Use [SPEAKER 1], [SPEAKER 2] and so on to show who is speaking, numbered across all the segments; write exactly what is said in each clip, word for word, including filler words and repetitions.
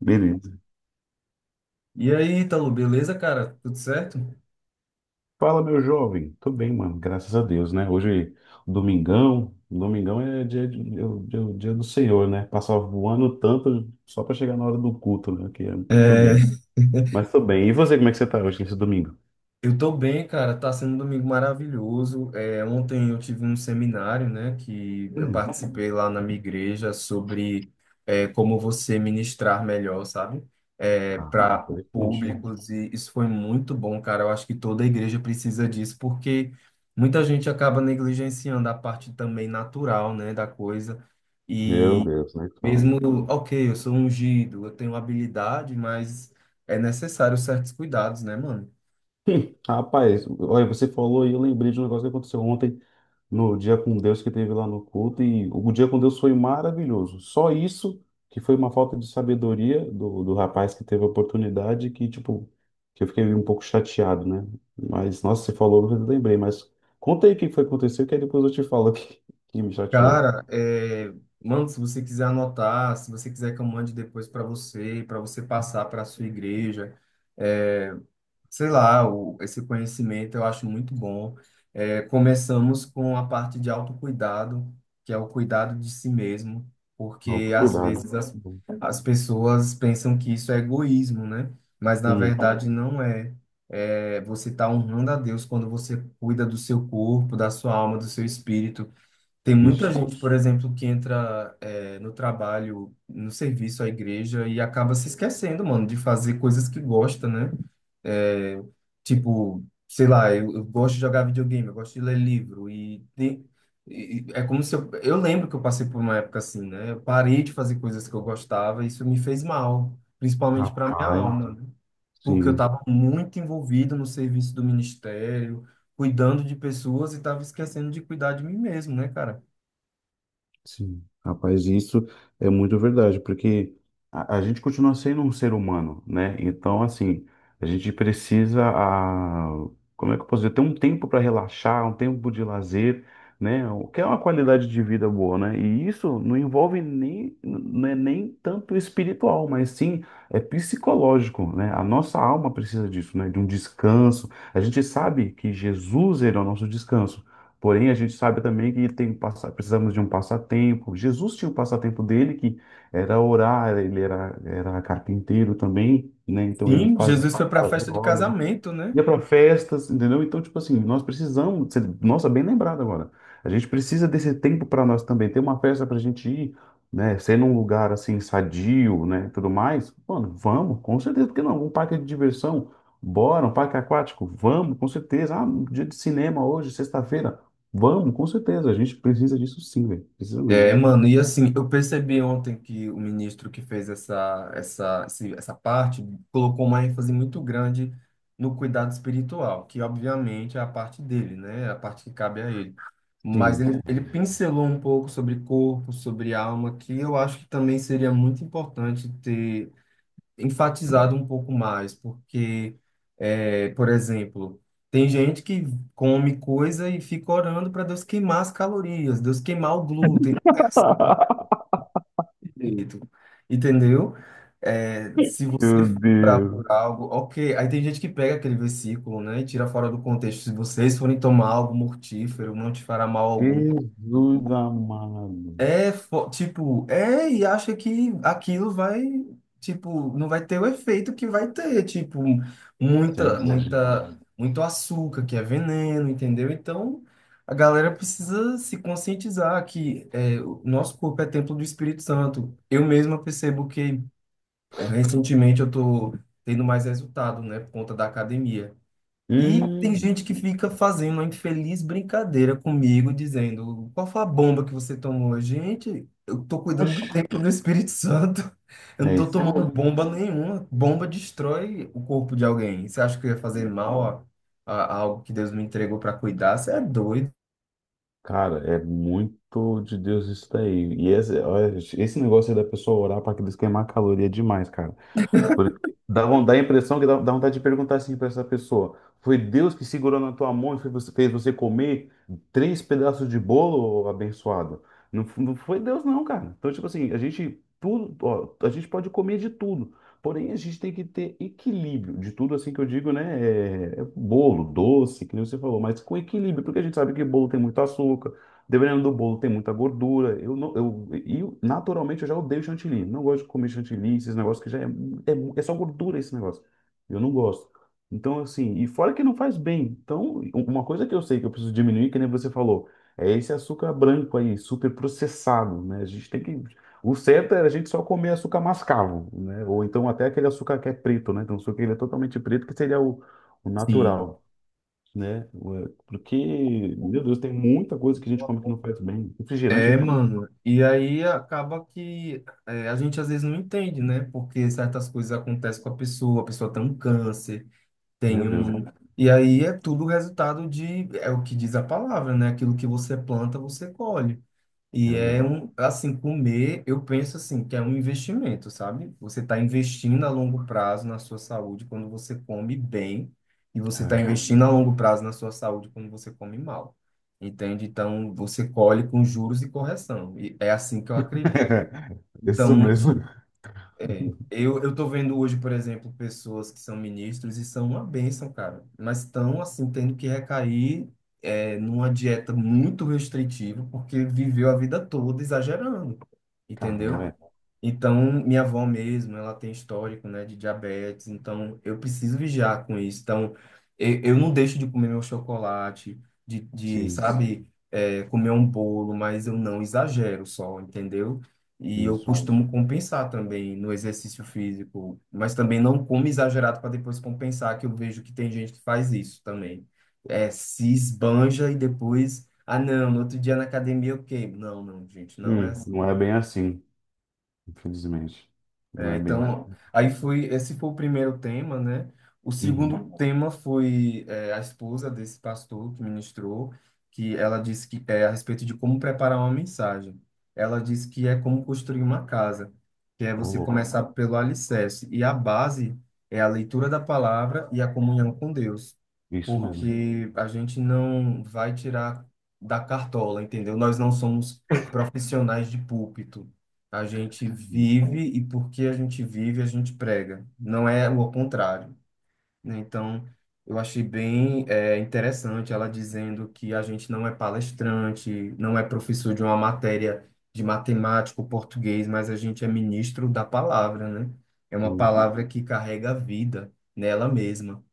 [SPEAKER 1] Beleza.
[SPEAKER 2] E aí, Ítalo, beleza, cara? Tudo certo?
[SPEAKER 1] Fala, meu jovem. Tô bem, mano. Graças a Deus, né? Hoje, domingão. Domingão é dia, de- é o dia, o dia do Senhor, né? Passar voando tanto só pra chegar na hora do culto, né? Que é tudo doido.
[SPEAKER 2] É,
[SPEAKER 1] Mas tô bem. E você, como é que você tá hoje nesse domingo?
[SPEAKER 2] eu tô bem, cara. Tá sendo um domingo maravilhoso. É, ontem eu tive um seminário, né, que eu
[SPEAKER 1] Hum.
[SPEAKER 2] participei lá na minha igreja sobre é, como você ministrar melhor, sabe? É,
[SPEAKER 1] Ah,
[SPEAKER 2] para
[SPEAKER 1] interessante.
[SPEAKER 2] públicos. E isso foi muito bom, cara. Eu acho que toda igreja precisa disso, porque muita gente acaba negligenciando a parte também natural, né, da coisa.
[SPEAKER 1] Meu Deus, né? Fala.
[SPEAKER 2] Mesmo, ok, eu sou ungido, eu tenho habilidade, mas é necessário certos cuidados, né, mano?
[SPEAKER 1] Hum, Rapaz, olha, você falou e eu lembrei de um negócio que aconteceu ontem no Dia com Deus que teve lá no culto e o Dia com Deus foi maravilhoso. Só isso que foi uma falta de sabedoria do, do rapaz que teve a oportunidade que, tipo, que eu fiquei um pouco chateado, né? Mas, nossa, você falou, eu lembrei, mas conta aí o que foi que aconteceu que aí depois eu te falo o que, que me chateou.
[SPEAKER 2] Cara, é, mano, se você quiser anotar, se você quiser que eu mande depois para você, para você passar para sua igreja, é, sei lá, o, esse conhecimento eu acho muito bom. É, começamos com a parte de autocuidado, que é o cuidado de si mesmo,
[SPEAKER 1] Não,
[SPEAKER 2] porque às
[SPEAKER 1] cuidado.
[SPEAKER 2] vezes as, as pessoas pensam que isso é egoísmo, né? Mas na
[SPEAKER 1] Hum,
[SPEAKER 2] verdade não é. É, você está honrando a Deus quando você cuida do seu corpo, da sua alma, do seu espírito. Tem muita
[SPEAKER 1] isso.
[SPEAKER 2] gente, por exemplo, que entra é, no trabalho, no serviço à igreja e acaba se esquecendo, mano, de fazer coisas que gosta, né? É, tipo, sei lá, eu, eu gosto de jogar videogame, eu gosto de ler livro e, tem- e- e é como se eu, eu lembro que eu passei por uma época assim, né? Eu parei de fazer coisas que eu gostava e isso me fez mal, principalmente para minha
[SPEAKER 1] Rapaz,
[SPEAKER 2] alma, né? Porque eu
[SPEAKER 1] sim.
[SPEAKER 2] estava muito envolvido no serviço do ministério, cuidando de pessoas e estava esquecendo de cuidar de mim mesmo, né, cara?
[SPEAKER 1] Sim, rapaz, isso é muito verdade, porque a, a gente continua sendo um ser humano, né? Então, assim, a gente precisa, a, como é que eu posso dizer, ter um tempo para relaxar, um tempo de lazer, né? O que é uma qualidade de vida boa, né? E isso não envolve nem, não é nem tanto espiritual, mas sim é psicológico, né? A nossa alma precisa disso, né? De um descanso. A gente sabe que Jesus era o nosso descanso. Porém, a gente sabe também que tem, um passa- precisamos de um passatempo. Jesus tinha um passatempo dele que era orar, ele era, era carpinteiro também, né? Então ele
[SPEAKER 2] Sim,
[SPEAKER 1] fazia,
[SPEAKER 2] Jesus foi para a
[SPEAKER 1] fazia
[SPEAKER 2] festa de
[SPEAKER 1] obras,
[SPEAKER 2] casamento, né?
[SPEAKER 1] ia para festas, entendeu? Então, tipo assim, nós precisamos, você- nossa, bem lembrado agora. A gente precisa desse tempo para nós também, ter uma festa para a gente ir, né? Ser num lugar assim sadio, né? Tudo mais. Mano, vamos, com certeza, porque não? Um parque de diversão, bora, um parque aquático, vamos, com certeza. Ah, um dia de cinema hoje, sexta-feira, vamos, com certeza. A gente precisa disso sim, velho. Precisa mesmo.
[SPEAKER 2] É, mano, e assim, eu percebi ontem que o ministro que fez essa, essa, esse- essa parte colocou uma ênfase muito grande no cuidado espiritual, que obviamente é a parte dele, né? É a parte que cabe a ele. Mas
[SPEAKER 1] Sim.
[SPEAKER 2] ele, ele pincelou um pouco sobre corpo, sobre alma, que eu acho que também seria muito importante ter enfatizado um pouco mais, porque, é, por exemplo, tem gente que come coisa e fica orando para Deus queimar as calorias, Deus queimar o glúten, direito, entendeu? É, se você
[SPEAKER 1] Meu Deus.
[SPEAKER 2] for algo, ok. Aí tem gente que pega aquele versículo, né, e tira fora do contexto. Se vocês forem tomar algo mortífero, não te fará mal algum.
[SPEAKER 1] Jesus amado.
[SPEAKER 2] É, fo- tipo, é, e acha que aquilo vai, tipo, não vai ter o efeito que vai ter, tipo, muita,
[SPEAKER 1] Senhor Jesus.
[SPEAKER 2] muita, muito açúcar, que é veneno, entendeu? Então, a galera precisa se conscientizar que é, o nosso corpo é templo do Espírito Santo. Eu mesma percebo que eh, recentemente eu tô tendo mais resultado, né, por conta da academia. E tem
[SPEAKER 1] Hum,
[SPEAKER 2] gente que fica fazendo uma infeliz brincadeira comigo, dizendo: qual foi a bomba que você tomou? Gente, eu tô cuidando do
[SPEAKER 1] oxe.
[SPEAKER 2] templo do Espírito Santo. Eu não
[SPEAKER 1] É
[SPEAKER 2] tô
[SPEAKER 1] isso
[SPEAKER 2] tomando
[SPEAKER 1] mesmo.
[SPEAKER 2] bomba nenhuma. Bomba destrói o corpo de alguém. Você acha que eu ia fazer mal a, a- a algo que Deus me entregou para cuidar? Você é doido.
[SPEAKER 1] Cara, é muito de Deus isso daí. E esse, olha, esse negócio aí da pessoa orar para aqueles queimar caloria é demais, cara. Porque dá, von- dá a impressão que dá, dá vontade de perguntar assim para essa pessoa: Foi Deus que segurou na tua mão e fez você, fez você comer três pedaços de bolo, ô abençoado? Não, f- não foi Deus, não, cara. Então, tipo assim, a gente tudo, ó, a gente pode comer de tudo. Porém, a gente tem que ter equilíbrio de tudo, assim que eu digo, né? É, é bolo, doce, que nem você falou, mas com equilíbrio, porque a gente sabe que bolo tem muito açúcar. Dependendo do bolo, tem muita gordura. Eu não, eu, e eu- naturalmente eu já odeio chantilly. Não gosto de comer chantilly, esses negócios que já é, é, é só gordura esse negócio. Eu não gosto. Então, assim, e fora que não faz bem. Então, um, uma coisa que eu sei que eu preciso diminuir, que nem você falou, é esse açúcar branco aí, super processado, né? A gente tem que. O certo é a gente só comer açúcar mascavo, né? Ou então até aquele açúcar que é preto, né? Então, o açúcar que ele é totalmente preto, que seria o, o
[SPEAKER 2] Sim.
[SPEAKER 1] natural, né? Ué, porque, meu Deus, tem muita coisa que a gente come que não faz bem. Refrigerante,
[SPEAKER 2] É,
[SPEAKER 1] então, né?
[SPEAKER 2] mano. E aí acaba que é, a gente às vezes não entende, né? Porque certas coisas acontecem com a pessoa, a pessoa tem um câncer. Tem
[SPEAKER 1] Meu Deus,
[SPEAKER 2] um. E aí é tudo resultado de, é o que diz a palavra, né? Aquilo que você planta, você colhe. E
[SPEAKER 1] meu
[SPEAKER 2] é
[SPEAKER 1] Deus.
[SPEAKER 2] um, assim, comer, eu penso assim, que é um investimento, sabe? Você está investindo a longo prazo na sua saúde quando você come bem, e você está
[SPEAKER 1] É.
[SPEAKER 2] investindo a longo prazo na sua saúde quando você come mal. Entende? Então, você colhe com juros e correção. E é assim que eu acredito.
[SPEAKER 1] Isso
[SPEAKER 2] Então,
[SPEAKER 1] mesmo.
[SPEAKER 2] é, eu, eu tô vendo hoje, por exemplo, pessoas que são ministros e são uma bênção, cara, mas estão, assim, tendo que recair é, numa dieta muito restritiva, porque viveu a vida toda exagerando,
[SPEAKER 1] Caramba,
[SPEAKER 2] entendeu?
[SPEAKER 1] é.
[SPEAKER 2] Então, minha avó mesmo, ela tem histórico, né, de diabetes, então eu preciso vigiar com isso. Então, eu, eu não deixo de comer meu chocolate, de, de
[SPEAKER 1] Sim,
[SPEAKER 2] sabe, é, comer um bolo, mas eu não exagero só, entendeu? E eu
[SPEAKER 1] isso.
[SPEAKER 2] costumo compensar também no exercício físico, mas também não como exagerado para depois compensar, que eu vejo que tem gente que faz isso também. É, se esbanja e depois, ah, não, no outro dia na academia eu queimo. Não, não, gente, não é
[SPEAKER 1] Hum,
[SPEAKER 2] assim.
[SPEAKER 1] não é bem assim, infelizmente. Não
[SPEAKER 2] É,
[SPEAKER 1] é bem
[SPEAKER 2] então,
[SPEAKER 1] assim.
[SPEAKER 2] aí foi, esse foi o primeiro tema, né? O
[SPEAKER 1] Uhum.
[SPEAKER 2] segundo tema foi é, a esposa desse pastor que ministrou, que ela disse que é a respeito de como preparar uma mensagem. Ela disse que é como construir uma casa, que é
[SPEAKER 1] Ô,
[SPEAKER 2] você
[SPEAKER 1] louco.
[SPEAKER 2] começar pelo alicerce. E a base é a leitura da palavra e a comunhão com Deus,
[SPEAKER 1] Isso mesmo.
[SPEAKER 2] porque a gente não vai tirar da cartola, entendeu? Nós não somos profissionais de púlpito. A gente vive e porque a gente vive, a gente prega. Não é o contrário, né? Então, eu achei bem é, interessante ela dizendo que a gente não é palestrante, não é professor de uma matéria de matemática ou português, mas a gente é ministro da palavra, né? É uma
[SPEAKER 1] Hum,
[SPEAKER 2] palavra que carrega a vida nela mesma.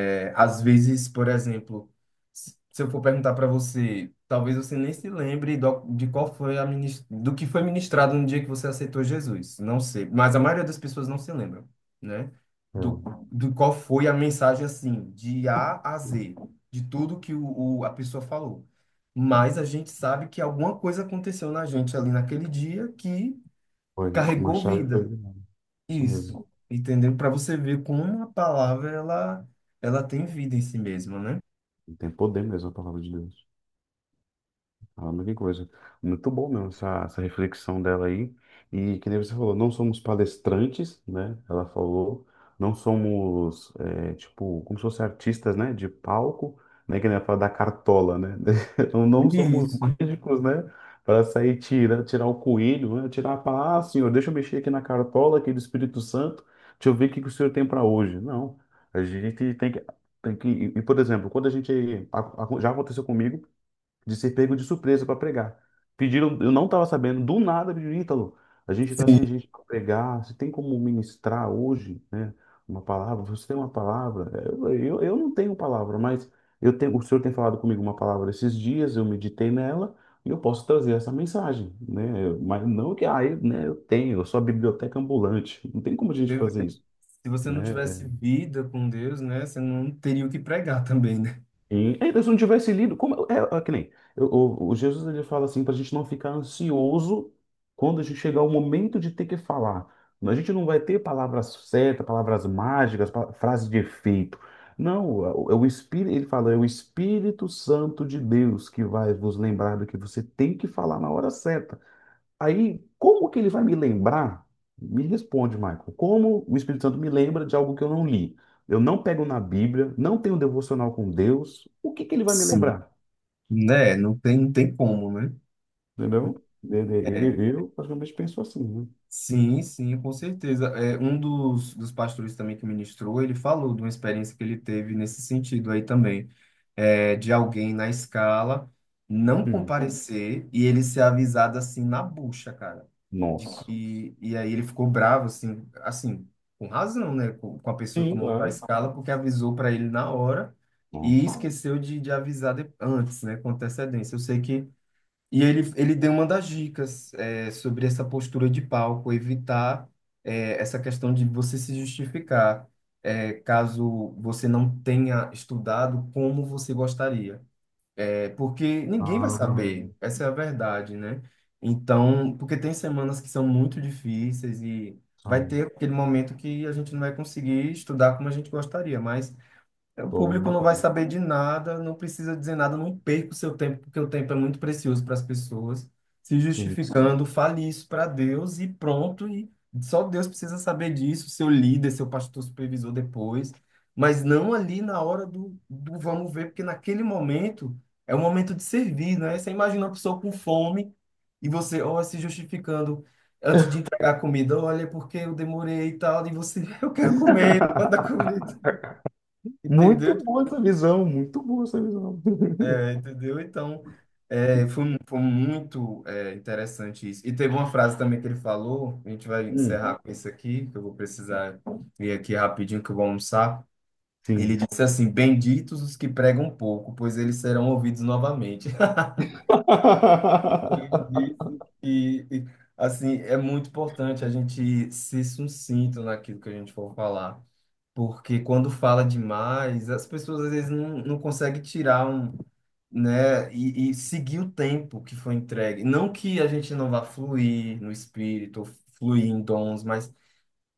[SPEAKER 2] É, às vezes, por exemplo, se se eu for perguntar para você, talvez você nem se lembre do- de qual foi a minis- do que foi ministrado no dia que você aceitou Jesus. Não sei, mas a maioria das pessoas não se lembram, né? Do,
[SPEAKER 1] é.
[SPEAKER 2] do qual foi a mensagem assim, de A a Z, de tudo que o, o- a pessoa falou. Mas a gente sabe que alguma coisa aconteceu na gente ali naquele dia que
[SPEAKER 1] Foi. Uma
[SPEAKER 2] carregou
[SPEAKER 1] chave foi.
[SPEAKER 2] vida.
[SPEAKER 1] Isso mesmo.
[SPEAKER 2] Isso, entendeu? Para você ver como uma palavra ela, ela tem vida em si mesma, né?
[SPEAKER 1] Tem poder mesmo a palavra de Deus. Caramba, que coisa. Muito bom mesmo essa, essa reflexão dela aí. E que nem você falou, não somos palestrantes, né? Ela falou, não somos, é, tipo, como se fossem artistas, né? De palco, né? Que nem ela fala da cartola, né? Não, não somos
[SPEAKER 2] Isso.
[SPEAKER 1] mágicos, né? Para sair tirar, tirar o coelho, né? Tirar para, ah, senhor, deixa eu mexer aqui na cartola, aqui do Espírito Santo, deixa eu ver o que que o senhor tem para hoje. Não, a gente tem que, tem que. E, por exemplo, quando a gente. a- a- Já aconteceu comigo de ser pego de surpresa para pregar. Pediram, eu não estava sabendo, do nada pediram, Ítalo, a gente está
[SPEAKER 2] Sim.
[SPEAKER 1] sem gente para pregar, você tem como ministrar hoje, né? Uma palavra, você tem uma palavra? Eu, eu, eu não tenho palavra, mas eu tenho, o Senhor tem falado comigo uma palavra esses dias, eu meditei nela e eu posso trazer essa mensagem, né? Mas não que, ah, eu, né, eu tenho, eu sou a biblioteca ambulante, não tem como a gente
[SPEAKER 2] Você vê,
[SPEAKER 1] fazer isso,
[SPEAKER 2] Se você não
[SPEAKER 1] né?
[SPEAKER 2] tivesse
[SPEAKER 1] é,
[SPEAKER 2] vida com Deus, né, você não teria o que pregar também, né?
[SPEAKER 1] Sim. Ainda se não tivesse lido, como é, é que nem eu- o, o Jesus ele fala assim para a gente não ficar ansioso quando a gente chegar o momento de ter que falar. A gente não vai ter palavras certas, palavras mágicas, pa- frases de efeito. Não, é o Espírito, ele fala, é o Espírito Santo de Deus que vai vos lembrar do que você tem que falar na hora certa. Aí, como que ele vai me lembrar? Me responde, Michael. Como o Espírito Santo me lembra de algo que eu não li? Eu não pego na Bíblia, não tenho um devocional com Deus. O que que ele vai me
[SPEAKER 2] Sim.
[SPEAKER 1] lembrar?
[SPEAKER 2] Né? Não tem, não tem como, né?
[SPEAKER 1] Entendeu? Eu,
[SPEAKER 2] É.
[SPEAKER 1] eu, eu praticamente penso assim, né?
[SPEAKER 2] Sim, sim, com certeza. É, um dos, dos pastores também que ministrou, ele falou de uma experiência que ele teve nesse sentido aí também, é, de alguém na escala não
[SPEAKER 1] Hum.
[SPEAKER 2] comparecer e ele ser avisado assim na bucha, cara, de
[SPEAKER 1] Nossa.
[SPEAKER 2] que e aí ele ficou bravo assim, assim, com razão, né, com, com a pessoa que
[SPEAKER 1] Sim,
[SPEAKER 2] montou a
[SPEAKER 1] claro.
[SPEAKER 2] escala porque avisou para ele na hora e
[SPEAKER 1] Nossa.
[SPEAKER 2] esqueceu de, de avisar de- antes, né, com antecedência. Eu sei que E ele, ele deu uma das dicas é, sobre essa postura de palco, evitar é, essa questão de você se justificar, é, caso você não tenha estudado como você gostaria. É, porque ninguém vai
[SPEAKER 1] Ah,
[SPEAKER 2] saber, essa é a verdade, né? Então, porque tem semanas que são muito difíceis e vai
[SPEAKER 1] são,
[SPEAKER 2] ter aquele momento que a gente não vai conseguir estudar como a gente gostaria, mas o
[SPEAKER 1] tô,
[SPEAKER 2] público
[SPEAKER 1] não,
[SPEAKER 2] não vai saber de nada, não precisa dizer nada, não perca o seu tempo, porque o tempo é muito precioso para as pessoas. Se
[SPEAKER 1] sim.
[SPEAKER 2] justificando, fale isso para Deus e pronto, e só Deus precisa saber disso, seu líder, seu pastor supervisor depois, mas não ali na hora do, do vamos ver, porque naquele momento é o momento de servir, né? Você imagina uma pessoa com fome e você, ó, se justificando antes de entregar a comida, olha, é porque eu demorei e tal, e você, eu quero comer, manda a comida. Entendeu?
[SPEAKER 1] Muito boa essa visão, muito boa essa visão.
[SPEAKER 2] Entendeu? Então, é, foi, mu- foi muito é, interessante isso. E teve uma frase também que ele falou, a gente vai
[SPEAKER 1] Hum.
[SPEAKER 2] encerrar com isso aqui, que eu vou precisar ir aqui rapidinho que eu vou almoçar. Ele
[SPEAKER 1] Sim.
[SPEAKER 2] disse assim: Benditos os que pregam pouco, pois eles serão ouvidos novamente. Ele disse que, e, assim, é muito importante a gente ser sucinto naquilo que a gente for falar porque quando fala demais, as pessoas às vezes não, não conseguem tirar um, né, e, e seguir o tempo que foi entregue. Não que a gente não vá fluir no espírito, ou fluir em dons, mas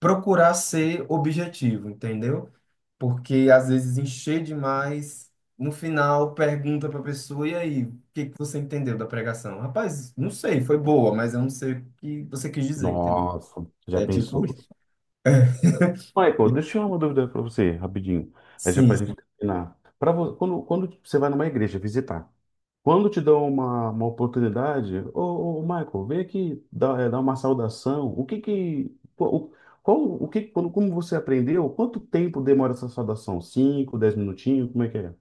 [SPEAKER 2] procurar ser objetivo, entendeu? Porque às vezes encher demais, no final pergunta para a pessoa, e aí, o que que você entendeu da pregação? Rapaz, não sei, foi boa, mas eu não sei o que você quis dizer, entendeu?
[SPEAKER 1] Nossa, já
[SPEAKER 2] É tipo,
[SPEAKER 1] pensou?
[SPEAKER 2] isso.
[SPEAKER 1] Michael,
[SPEAKER 2] E-
[SPEAKER 1] deixa eu tirar uma dúvida para você, rapidinho. Aí já para
[SPEAKER 2] sim,
[SPEAKER 1] a gente terminar. Pra vo- quando, quando você vai numa igreja visitar, quando te dão uma, uma oportunidade, ô, ô, Michael, vem aqui dar, eh, dar uma saudação. O que que. Qual, o qual- o que, quando, como você aprendeu? Quanto tempo demora essa saudação? Cinco, dez minutinhos? Como é que é?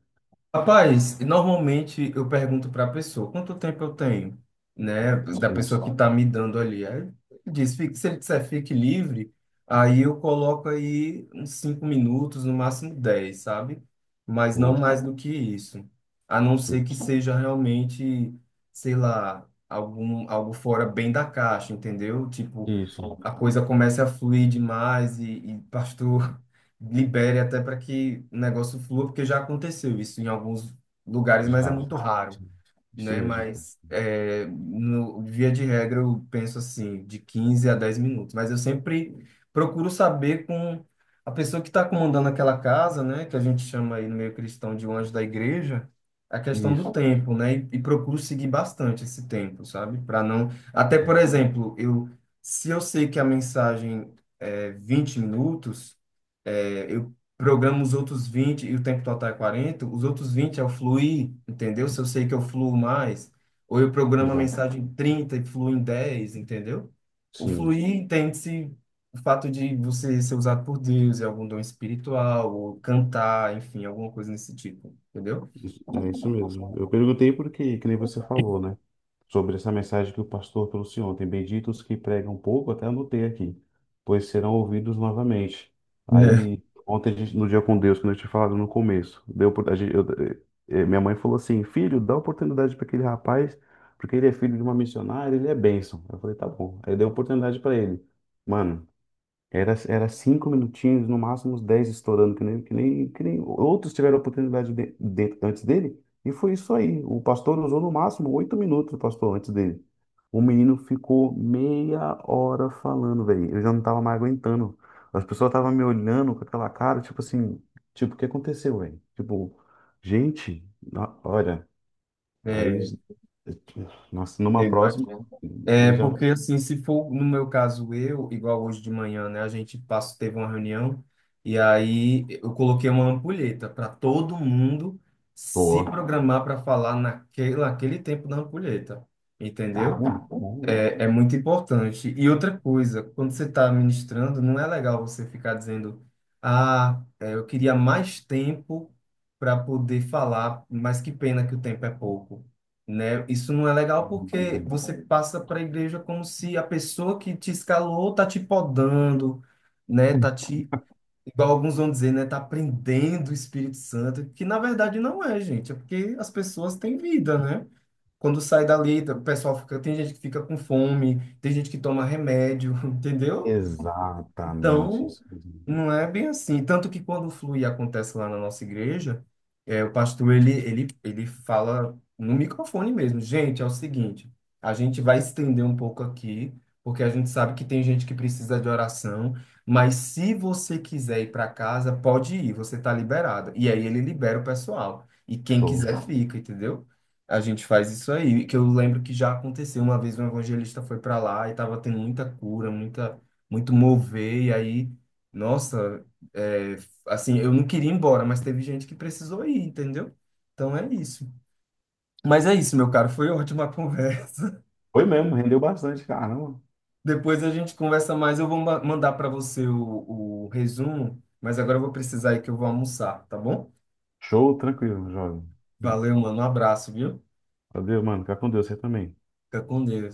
[SPEAKER 2] rapaz, normalmente eu pergunto para a pessoa quanto tempo eu tenho, né? Da
[SPEAKER 1] Sim.
[SPEAKER 2] pessoa que está me dando ali. Aí diz, "Fique- se ele disser fique livre, aí eu coloco aí uns cinco minutos, no máximo dez, sabe? Mas não
[SPEAKER 1] Show.
[SPEAKER 2] mais do que isso. A não ser
[SPEAKER 1] Sim.
[SPEAKER 2] que seja realmente, sei lá, algum, algo fora bem da caixa, entendeu? Tipo,
[SPEAKER 1] Isso.
[SPEAKER 2] a coisa comece a fluir demais e, e pastor libere até para que o negócio flua, porque já aconteceu isso em alguns lugares, mas é
[SPEAKER 1] Já.
[SPEAKER 2] muito raro
[SPEAKER 1] Sim. Isso
[SPEAKER 2] né?
[SPEAKER 1] mesmo.
[SPEAKER 2] Mas é, no, via de regra eu penso assim, de quinze a dez minutos. Mas eu sempre procuro saber com a pessoa que está comandando aquela casa, né? Que a gente chama aí no meio cristão de um anjo da igreja, a questão do
[SPEAKER 1] Isso.
[SPEAKER 2] tempo, né? E, e procuro seguir bastante esse tempo, sabe? Para não. Até, por exemplo, eu se eu sei que a mensagem é vinte minutos programa os outros vinte e o tempo total é quarenta os outros vinte é o fluir, entendeu? Se eu sei que eu fluo mais, ou eu programo a
[SPEAKER 1] Legal.
[SPEAKER 2] mensagem em trinta e fluo em dez entendeu? O
[SPEAKER 1] Sim.
[SPEAKER 2] fluir entende-se o fato de você ser usado por Deus, é algum dom espiritual, ou cantar, enfim, alguma coisa nesse tipo, entendeu?
[SPEAKER 1] Isso- É isso mesmo. Eu perguntei porque, que nem você falou, né? Sobre essa mensagem que o pastor trouxe ontem. Benditos que pregam pouco, até anotei aqui, pois serão ouvidos novamente.
[SPEAKER 2] É,
[SPEAKER 1] Aí, ontem, a gente, no dia com Deus, que eu tinha falado no começo, deu, por- a gente, eu- eh, eh, minha mãe falou assim: Filho, dá oportunidade para aquele rapaz, porque ele é filho de uma missionária, ele é bênção. Eu falei: Tá bom. Aí deu oportunidade para ele. Mano, era, era cinco minutinhos, no máximo uns dez estourando, que nem, que nem, que nem outros tiveram a oportunidade de, de- antes dele. E foi isso aí. O pastor usou no máximo oito minutos, o pastor, antes dele. O menino ficou meia hora falando, velho. Eu já não tava mais aguentando. As pessoas estavam me olhando com aquela cara, tipo assim, tipo, o que aconteceu, velho? Tipo, gente, na- olha, aí,
[SPEAKER 2] é,
[SPEAKER 1] nossa,
[SPEAKER 2] é,
[SPEAKER 1] numa
[SPEAKER 2] Igual aqui.
[SPEAKER 1] próxima, eu
[SPEAKER 2] É
[SPEAKER 1] já
[SPEAKER 2] porque
[SPEAKER 1] vou.
[SPEAKER 2] assim, se for no meu caso eu, igual hoje de manhã, né, a gente passou, teve uma reunião e aí eu coloquei uma ampulheta para todo mundo se
[SPEAKER 1] Pô,
[SPEAKER 2] programar para falar naquele, naquele tempo da ampulheta,
[SPEAKER 1] caramba,
[SPEAKER 2] entendeu?
[SPEAKER 1] muito bom,
[SPEAKER 2] É, é muito importante. E outra coisa, quando você está ministrando, não é legal você ficar dizendo, ah, é, eu queria mais tempo para poder falar, mas que pena que o tempo é pouco, né? Isso não é legal porque
[SPEAKER 1] hein?
[SPEAKER 2] você passa para a igreja como se a pessoa que te escalou tá te podando, né? Tá te, igual alguns vão dizer, né? Tá prendendo o Espírito Santo, que na verdade não é, gente, é porque as pessoas têm vida, né? Quando sai dali, o pessoal fica, tem gente que fica com fome, tem gente que toma remédio, entendeu?
[SPEAKER 1] Exatamente
[SPEAKER 2] Então,
[SPEAKER 1] isso.
[SPEAKER 2] não é bem assim. Tanto que quando o flui acontece lá na nossa igreja, é, o pastor ele, ele, ele fala no microfone mesmo. Gente, é o seguinte, a gente vai estender um pouco aqui, porque a gente sabe que tem gente que precisa de oração, mas se você quiser ir para casa, pode ir, você está liberada. E aí ele libera o pessoal. E quem
[SPEAKER 1] Show.
[SPEAKER 2] quiser fica, entendeu? A gente faz isso aí, que eu lembro que já aconteceu uma vez um evangelista foi para lá e estava tendo muita cura, muita muito mover, e aí, nossa, é, assim, eu não queria ir embora, mas teve gente que precisou ir, entendeu? Então é isso. Mas é isso, meu caro, foi ótima a conversa.
[SPEAKER 1] Foi mesmo, rendeu bastante, caramba.
[SPEAKER 2] Depois a gente conversa mais, eu vou ma- mandar para você o, o resumo, mas agora eu vou precisar ir que eu vou almoçar, tá bom?
[SPEAKER 1] Show, tranquilo, jovem.
[SPEAKER 2] Valeu, mano, um abraço, viu?
[SPEAKER 1] Valeu, mano. Fica com Deus, você também.
[SPEAKER 2] Fica com Deus.